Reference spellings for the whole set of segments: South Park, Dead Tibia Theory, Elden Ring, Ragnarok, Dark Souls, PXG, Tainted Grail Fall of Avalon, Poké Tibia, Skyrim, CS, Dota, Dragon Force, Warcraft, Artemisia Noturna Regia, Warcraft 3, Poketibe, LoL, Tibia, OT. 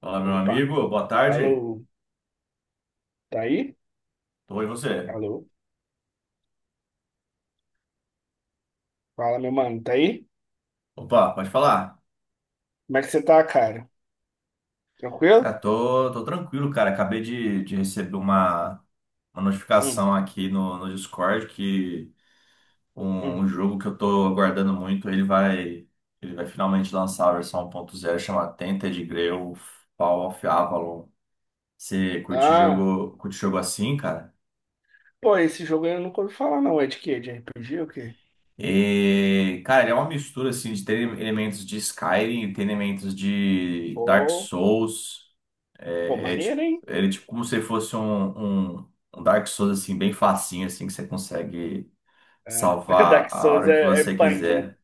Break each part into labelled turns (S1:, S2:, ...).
S1: Fala, meu
S2: Opa,
S1: amigo, boa
S2: alô,
S1: tarde.
S2: tá aí?
S1: Tô com você.
S2: Alô, fala meu mano, tá aí?
S1: Opa, pode falar.
S2: Como é que você tá, cara?
S1: Cara,
S2: Tranquilo?
S1: tô tranquilo, cara. Acabei de receber uma
S2: Hum,
S1: notificação aqui no Discord que um,
S2: hum.
S1: um jogo que eu tô aguardando muito, ele vai finalmente lançar a versão 1.0, chama Tainted Grail Fall of Avalon. Você
S2: Ah,
S1: curte jogo assim, cara?
S2: pô, esse jogo aí eu nunca ouvi falar não, é de quê? De RPG ou o quê?
S1: E, cara, ele é uma mistura assim de ter elementos de Skyrim, tem elementos de Dark
S2: Pô,
S1: Souls.
S2: pô,
S1: É,
S2: maneiro,
S1: tipo,
S2: hein?
S1: ele é tipo como se fosse um Dark Souls assim, bem facinho, assim, que você consegue
S2: É.
S1: salvar
S2: Dark
S1: a
S2: Souls
S1: hora que
S2: é
S1: você
S2: punk, né?
S1: quiser.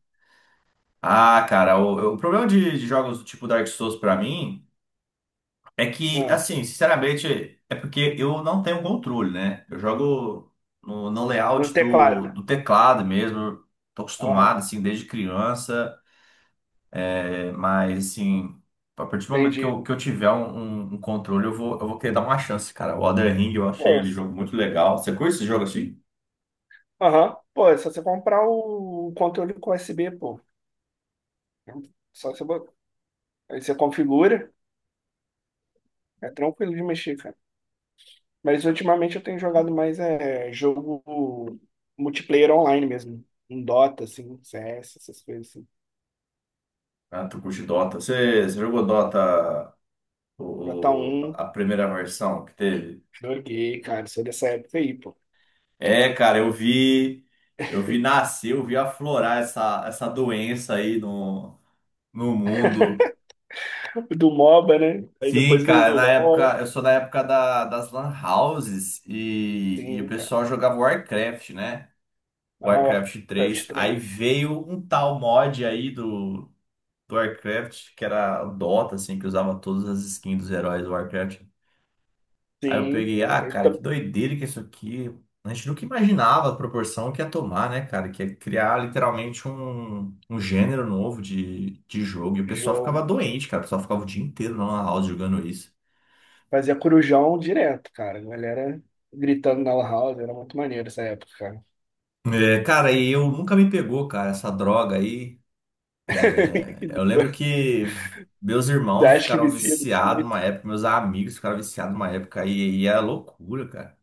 S1: Ah, cara, o problema de jogos do tipo Dark Souls pra mim é que,
S2: Ah,
S1: assim, sinceramente, é porque eu não tenho controle, né? Eu jogo no
S2: no
S1: layout do,
S2: teclado.
S1: do teclado mesmo, tô acostumado,
S2: Aham,
S1: assim, desde criança. Mas, assim, a partir do momento que
S2: entendi.
S1: eu, que eu tiver um controle, eu vou querer dar uma chance, cara. O Elden Ring eu achei
S2: Pô,
S1: ele jogo muito legal. Você curte esse jogo assim?
S2: aham, pô, é só você comprar o controle com USB, pô. Só você, aí você configura, é tranquilo de mexer. Mas ultimamente eu tenho jogado mais é, jogo multiplayer online mesmo. Um Dota, assim, CS, essas coisas assim.
S1: Ah, tu curte Dota? Você jogou Dota
S2: Dota 1,
S1: a primeira versão que teve?
S2: joguei, cara, sou dessa época aí, pô.
S1: É, cara, eu vi nascer, eu vi aflorar essa doença aí no mundo.
S2: Do MOBA, né? Aí
S1: Sim,
S2: depois veio
S1: cara,
S2: o
S1: na
S2: LoL.
S1: época, eu sou da época da, das lan houses e o
S2: Sim, cara.
S1: pessoal jogava Warcraft, né?
S2: Ah,
S1: Warcraft
S2: Warcraft
S1: três. Aí
S2: 3.
S1: veio um tal mod aí do Warcraft, que era o Dota, assim, que usava todas as skins dos heróis do Warcraft. Aí eu
S2: Sim,
S1: peguei, ah,
S2: eu
S1: cara, que
S2: eita
S1: doideira que é isso aqui. A gente nunca imaginava a proporção que ia tomar, né, cara? Que ia criar literalmente um gênero novo de jogo. E o pessoal ficava
S2: jogo.
S1: doente, cara. O pessoal ficava o dia inteiro na lan house jogando isso.
S2: Fazia corujão direto, cara. A galera gritando na lan house, era muito maneiro essa época, cara.
S1: É, cara, e eu nunca me pegou, cara, essa droga aí. É, eu lembro que meus
S2: Você
S1: irmãos
S2: acha que
S1: ficaram
S2: vicia desse
S1: viciados
S2: jeito?
S1: uma época, meus amigos ficaram viciados uma época, e é loucura, cara.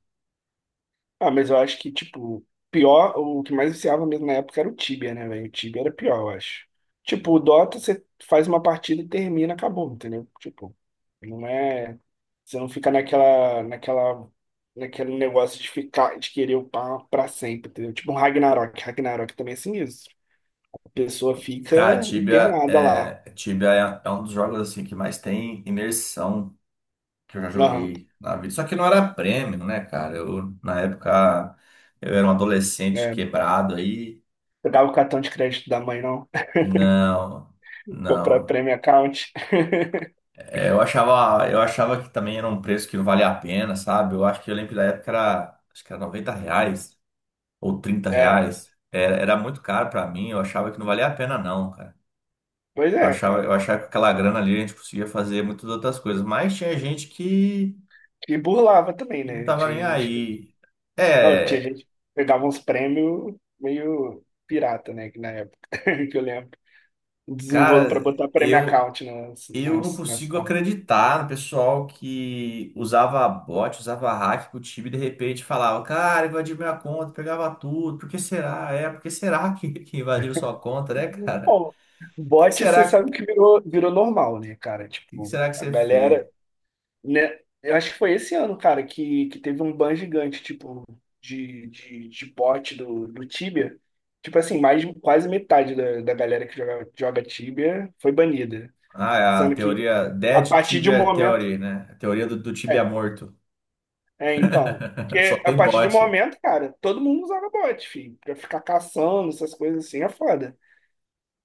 S2: Ah, mas eu acho que, tipo, pior, o que mais viciava mesmo na época era o Tibia, né, velho? O Tibia era pior, eu acho. Tipo, o Dota, você faz uma partida e termina, acabou, entendeu? Tipo, não é. Você não fica naquela, naquela, naquele negócio de ficar, de querer upar pra sempre, entendeu? Tipo, um Ragnarok. Ragnarok também é sinistro. A pessoa
S1: Cara,
S2: fica
S1: Tibia,
S2: internada lá.
S1: Tibia é um dos jogos assim que mais tem imersão que eu já
S2: Aham.
S1: joguei na vida. Só que não era prêmio, né, cara? Eu, na época, eu era um adolescente
S2: É,
S1: quebrado aí.
S2: pegava o cartão de crédito da mãe, não?
S1: Não,
S2: Comprar
S1: não.
S2: premium account.
S1: É, eu achava que também era um preço que não valia a pena, sabe? Eu acho que eu lembro da época era, acho que era 90 reais, ou trinta
S2: É,
S1: reais, era muito caro pra mim, eu achava que não valia a pena não, cara.
S2: pois
S1: Eu
S2: é,
S1: achava, eu
S2: cara.
S1: achava que aquela grana ali a gente conseguia fazer muitas outras coisas, mas tinha gente que,
S2: E burlava também,
S1: que não
S2: né?
S1: tava nem
S2: Tinha gente,
S1: aí.
S2: não, tinha
S1: É,
S2: gente que pegava uns prêmios meio pirata, né? Que na época, que eu lembro. Um Desenrolo pra
S1: cara,
S2: botar prêmio
S1: eu
S2: account nas,
S1: eu não
S2: nas, nas
S1: consigo
S2: contas.
S1: acreditar no pessoal que usava bot, usava hack com o time e de repente falava, cara, invadiu minha conta, pegava tudo, por que será? É, por que será que invadiram sua conta, né, cara?
S2: Bom,
S1: O que que
S2: bot, você
S1: será,
S2: sabe que virou normal, né, cara?
S1: que que
S2: Tipo,
S1: será que
S2: a
S1: você
S2: galera,
S1: fez?
S2: né? Eu acho que foi esse ano, cara, que teve um ban gigante, tipo, de bot do Tibia. Tipo assim, mais, quase metade da galera que joga Tibia foi banida.
S1: Ah, é a
S2: Sendo que
S1: teoria
S2: a
S1: Dead
S2: partir de um
S1: Tibia
S2: momento.
S1: Theory, né? A teoria do tibia
S2: É,
S1: morto.
S2: é, então.
S1: Só
S2: Porque a
S1: tem
S2: partir de um
S1: bot.
S2: momento, cara, todo mundo usava bot, filho. Pra ficar caçando, essas coisas assim, é foda.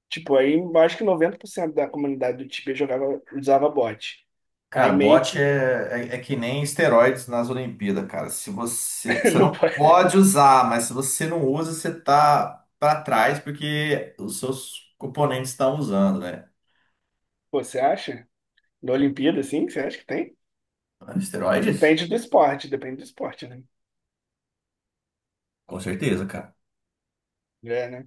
S2: Tipo, aí eu acho que 90% da comunidade do Tibia jogava, usava bot. Aí
S1: Cara,
S2: meio
S1: bot
S2: que
S1: é que nem esteroides nas Olimpíadas, cara. Se você, você
S2: não
S1: não
S2: pode.
S1: pode usar, mas se você não usa, você tá pra trás porque os seus componentes estão usando, né?
S2: Pô, você acha? Na Olimpíada, assim, você acha que tem?
S1: Esteroides?
S2: Depende do esporte, né?
S1: Com certeza, cara.
S2: É, né?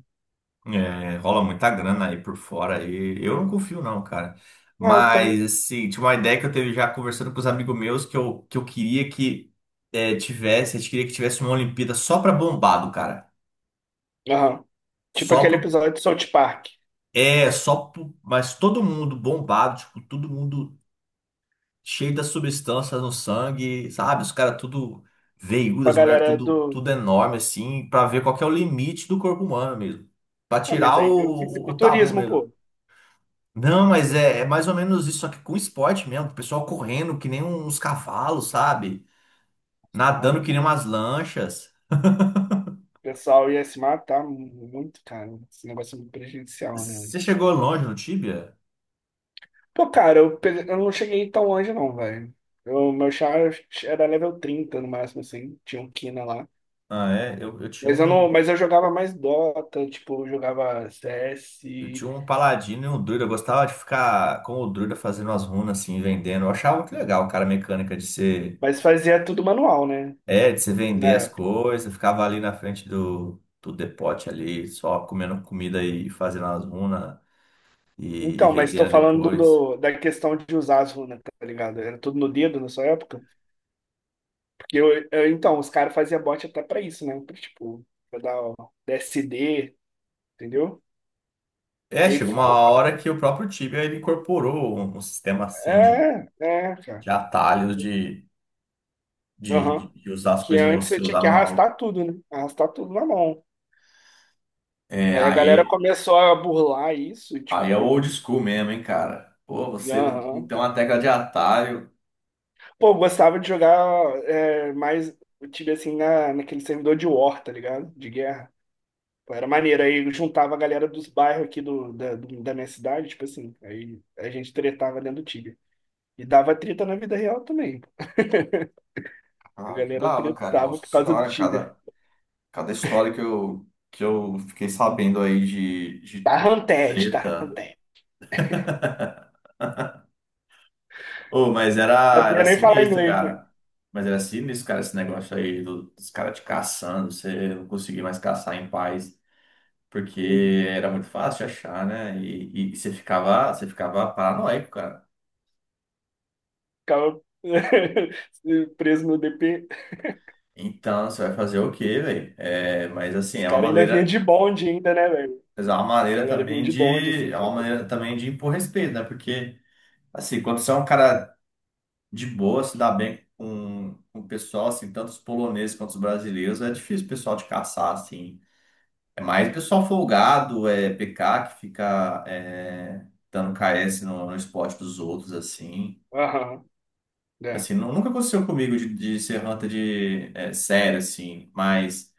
S1: É, rola muita grana aí por fora aí. Eu não confio, não, cara.
S2: Ah, eu
S1: Mas,
S2: também.
S1: assim, tinha uma ideia que eu teve já conversando com os amigos meus que eu queria que tivesse, a gente queria que tivesse uma Olimpíada só pra bombado, cara.
S2: Aham. Tipo
S1: Só
S2: aquele
S1: pro.
S2: episódio de South Park.
S1: É, só pro. Mas todo mundo bombado, tipo, todo mundo cheio das substâncias no sangue, sabe? Os caras tudo veiudo,
S2: Com a
S1: as mulheres
S2: galera
S1: tudo,
S2: do.
S1: tudo enorme, assim, pra ver qual que é o limite do corpo humano mesmo. Pra
S2: Ah, mas
S1: tirar o,
S2: aí tem o
S1: o o tabu
S2: fisiculturismo,
S1: mesmo.
S2: pô.
S1: Não, mas é mais ou menos isso, só que com esporte mesmo. O pessoal correndo que nem uns cavalos, sabe?
S2: Você tá
S1: Nadando que
S2: maluco.
S1: nem umas lanchas.
S2: O pessoal ia se matar muito, cara. Esse negócio é muito prejudicial, né?
S1: Você chegou longe no Tibia?
S2: Pô, cara, eu, eu não cheguei tão longe, não, velho. O meu char era level 30 no máximo, assim. Tinha um Kina lá.
S1: Ah, é. Eu, eu tinha
S2: Mas eu
S1: um,
S2: não, mas eu jogava mais Dota, tipo, eu jogava
S1: eu
S2: CS,
S1: tinha um paladino e um druida. Eu gostava de ficar com o druida fazendo as runas assim, vendendo. Eu achava muito legal, cara, a mecânica de ser,
S2: mas fazia tudo manual, né?
S1: é, de você
S2: Na
S1: vender as
S2: época.
S1: coisas. Eu ficava ali na frente do depote ali, só comendo comida e fazendo as runas e, e
S2: Então, mas tô
S1: vendendo
S2: falando
S1: depois.
S2: do, da questão de usar as runas, tá ligado? Era tudo no dedo na sua época. Porque então, os caras faziam bot até pra isso, né? Pra, tipo, pra dar o DSD, entendeu?
S1: É,
S2: Aí,
S1: chegou uma hora que o próprio Tibia ele incorporou um sistema assim
S2: é, cara.
S1: de atalhos de, de,
S2: Aham.
S1: de- de usar as
S2: Que
S1: coisas em
S2: antes você
S1: você,
S2: tinha
S1: usar
S2: que
S1: no algo.
S2: arrastar tudo, né? Arrastar tudo na mão.
S1: É,
S2: Aí a galera
S1: aí,
S2: começou a burlar isso,
S1: aí é o old
S2: tipo,
S1: school mesmo, hein, cara. Pô, você não
S2: aham.
S1: tem uma tecla de atalho.
S2: Pô, eu gostava de jogar é, mais, eu tive assim, naquele servidor de war, tá ligado? De guerra. Pô, era maneiro. Aí eu juntava a galera dos bairros aqui da minha cidade, tipo assim. Aí a gente tretava dentro do Tibia. E dava treta na vida real também. A
S1: Ah, que
S2: galera
S1: dava, cara.
S2: tretava
S1: Nossa
S2: por causa do
S1: senhora,
S2: Tibia.
S1: cada história que eu fiquei sabendo aí de,
S2: Tá
S1: de
S2: ranted, tá
S1: treta. Oh, mas era,
S2: sabia
S1: era
S2: nem falar
S1: sinistro,
S2: inglês, né?
S1: cara. Mas era sinistro, cara, esse negócio aí dos caras te caçando, você não conseguia mais caçar em paz.
S2: Uhum.
S1: Porque era muito fácil de achar, né? E você ficava paranoico, cara.
S2: Ficava preso no DP.
S1: Então, você vai fazer o quê, velho? É, mas assim,
S2: Os
S1: é uma
S2: caras ainda vinha
S1: maneira,
S2: de bonde ainda, né, velho?
S1: mas é uma
S2: A
S1: maneira
S2: galera vinha
S1: também
S2: de bonde,
S1: de,
S2: assim.
S1: é uma
S2: Tinha.
S1: maneira também de impor respeito, né? Porque assim, quando você é um cara de boa, se dá bem com o pessoal, assim, tanto os poloneses quanto os brasileiros, é difícil o pessoal te caçar, assim. É mais o pessoal folgado, é PK que fica dando KS no esporte dos outros, assim.
S2: Aham, é.
S1: Assim, nunca aconteceu comigo de ser hunter de sério, assim, mas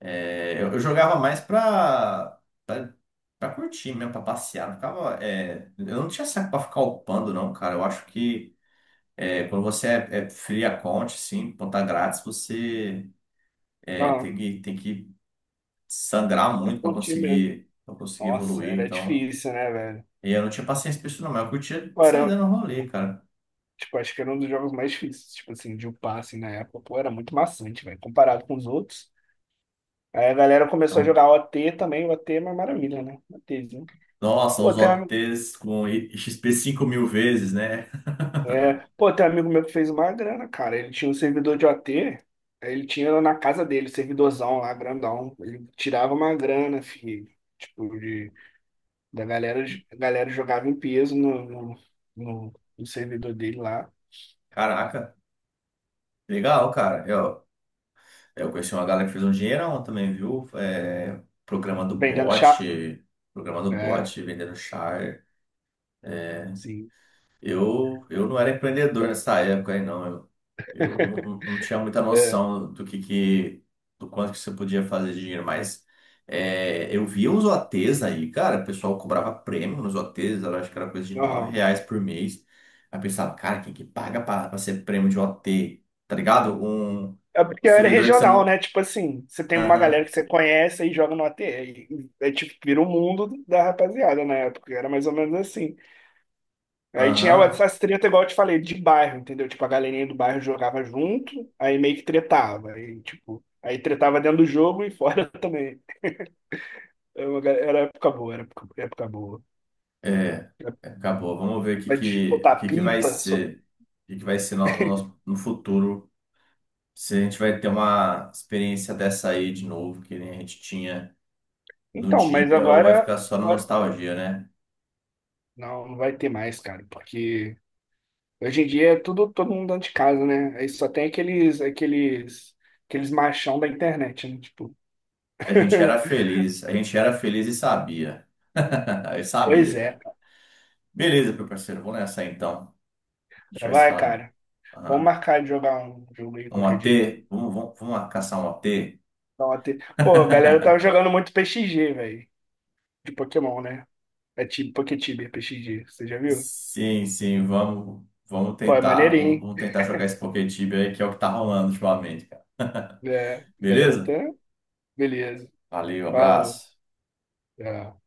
S1: eu jogava mais pra curtir mesmo, pra passear. Não ficava, eu não tinha saco pra ficar upando, não, cara. Eu acho que quando você é free account, assim, conta grátis, você
S2: Aham,
S1: tem que sangrar
S2: tá
S1: muito pra
S2: curtindo mesmo.
S1: conseguir, pra conseguir
S2: Nossa,
S1: evoluir.
S2: era
S1: Então,
S2: difícil, né, velho?
S1: e eu não tinha paciência pra isso, não, mas eu curtia
S2: Pô,
S1: sair
S2: era,
S1: dando rolê, cara.
S2: tipo, acho que era um dos jogos mais difíceis, tipo assim, de upar, assim, na época. Pô, era muito maçante, velho, comparado com os outros. Aí a galera começou a
S1: Então,
S2: jogar OT também, o OT é uma maravilha, né? OTzinho.
S1: nossa,
S2: Pô,
S1: os
S2: tem,
S1: OTs com XP 5 mil vezes, né?
S2: é, pô, tem um amigo meu que fez uma grana, cara. Ele tinha um servidor de OT, aí ele tinha na casa dele, servidorzão lá, grandão. Ele tirava uma grana, filho. Tipo, de, da galera, a galera jogava em peso no, no- no servidor dele lá,
S1: Caraca, legal, cara. Eu conheci uma galera que fez um dinheirão também, viu? É, programa do
S2: vendendo chá.
S1: bot, programa do
S2: É,
S1: bot, vendendo char.
S2: sim.
S1: Eu não era empreendedor nessa época aí, não. Eu não, não tinha muita
S2: É,
S1: noção do que do quanto que você podia fazer de dinheiro, mas eu via uns OTs aí, cara, o pessoal cobrava prêmio nos OTs, eu acho que era coisa de nove
S2: aham.
S1: reais por mês. Aí eu pensava, cara, quem que paga pra ser prêmio de OT? Tá ligado? Um,
S2: É
S1: um
S2: porque era
S1: servidor que você
S2: regional,
S1: não.
S2: né? Tipo assim, você tem uma
S1: Aham,
S2: galera que você conhece e joga no OT. E é tipo, vira o mundo da rapaziada na época. Era mais ou menos assim. Aí tinha
S1: aham.
S2: essas treta, igual eu te falei, de bairro, entendeu? Tipo, a galerinha do bairro jogava junto, aí meio que tretava. Aí, tipo, aí tretava dentro do jogo e fora também. Era época boa, era época, época boa.
S1: É, é, acabou. Vamos ver o que,
S2: Época
S1: que, o
S2: botar
S1: que, que vai
S2: pipa.
S1: ser. O que que vai ser no futuro. Se a gente vai ter uma experiência dessa aí de novo, que nem a gente tinha no
S2: Então, mas
S1: Tibia, ou vai
S2: agora,
S1: ficar só na
S2: agora.
S1: nostalgia, né?
S2: Não, não vai ter mais, cara, porque hoje em dia é tudo todo mundo dentro de casa, né? Aí só tem aqueles machão da internet, né? Tipo.
S1: A gente era feliz, a gente era feliz e sabia. Eu
S2: Pois
S1: sabia,
S2: é,
S1: cara. Beleza, meu parceiro, vamos nessa aí, então. A gente
S2: cara.
S1: vai se
S2: Vai,
S1: falando.
S2: cara. Vamos
S1: Aham.
S2: marcar de jogar um jogo aí
S1: Um
S2: qualquer dia.
S1: OT? Vamos, vamos, vamos caçar um OT?
S2: Ontem. Pô, a galera tava jogando muito PXG, velho. De Pokémon, né? É tipo Poketibe, é PXG. Você já viu?
S1: Sim, sim, vamos, vamos
S2: Pô, é
S1: tentar, vamos
S2: maneirinho.
S1: vamos tentar jogar esse Poké Tibia aí, que é o que tá rolando ultimamente, cara.
S2: É, a galera tá.
S1: Beleza?
S2: Beleza.
S1: Valeu,
S2: Falou.
S1: abraço.
S2: Tchau.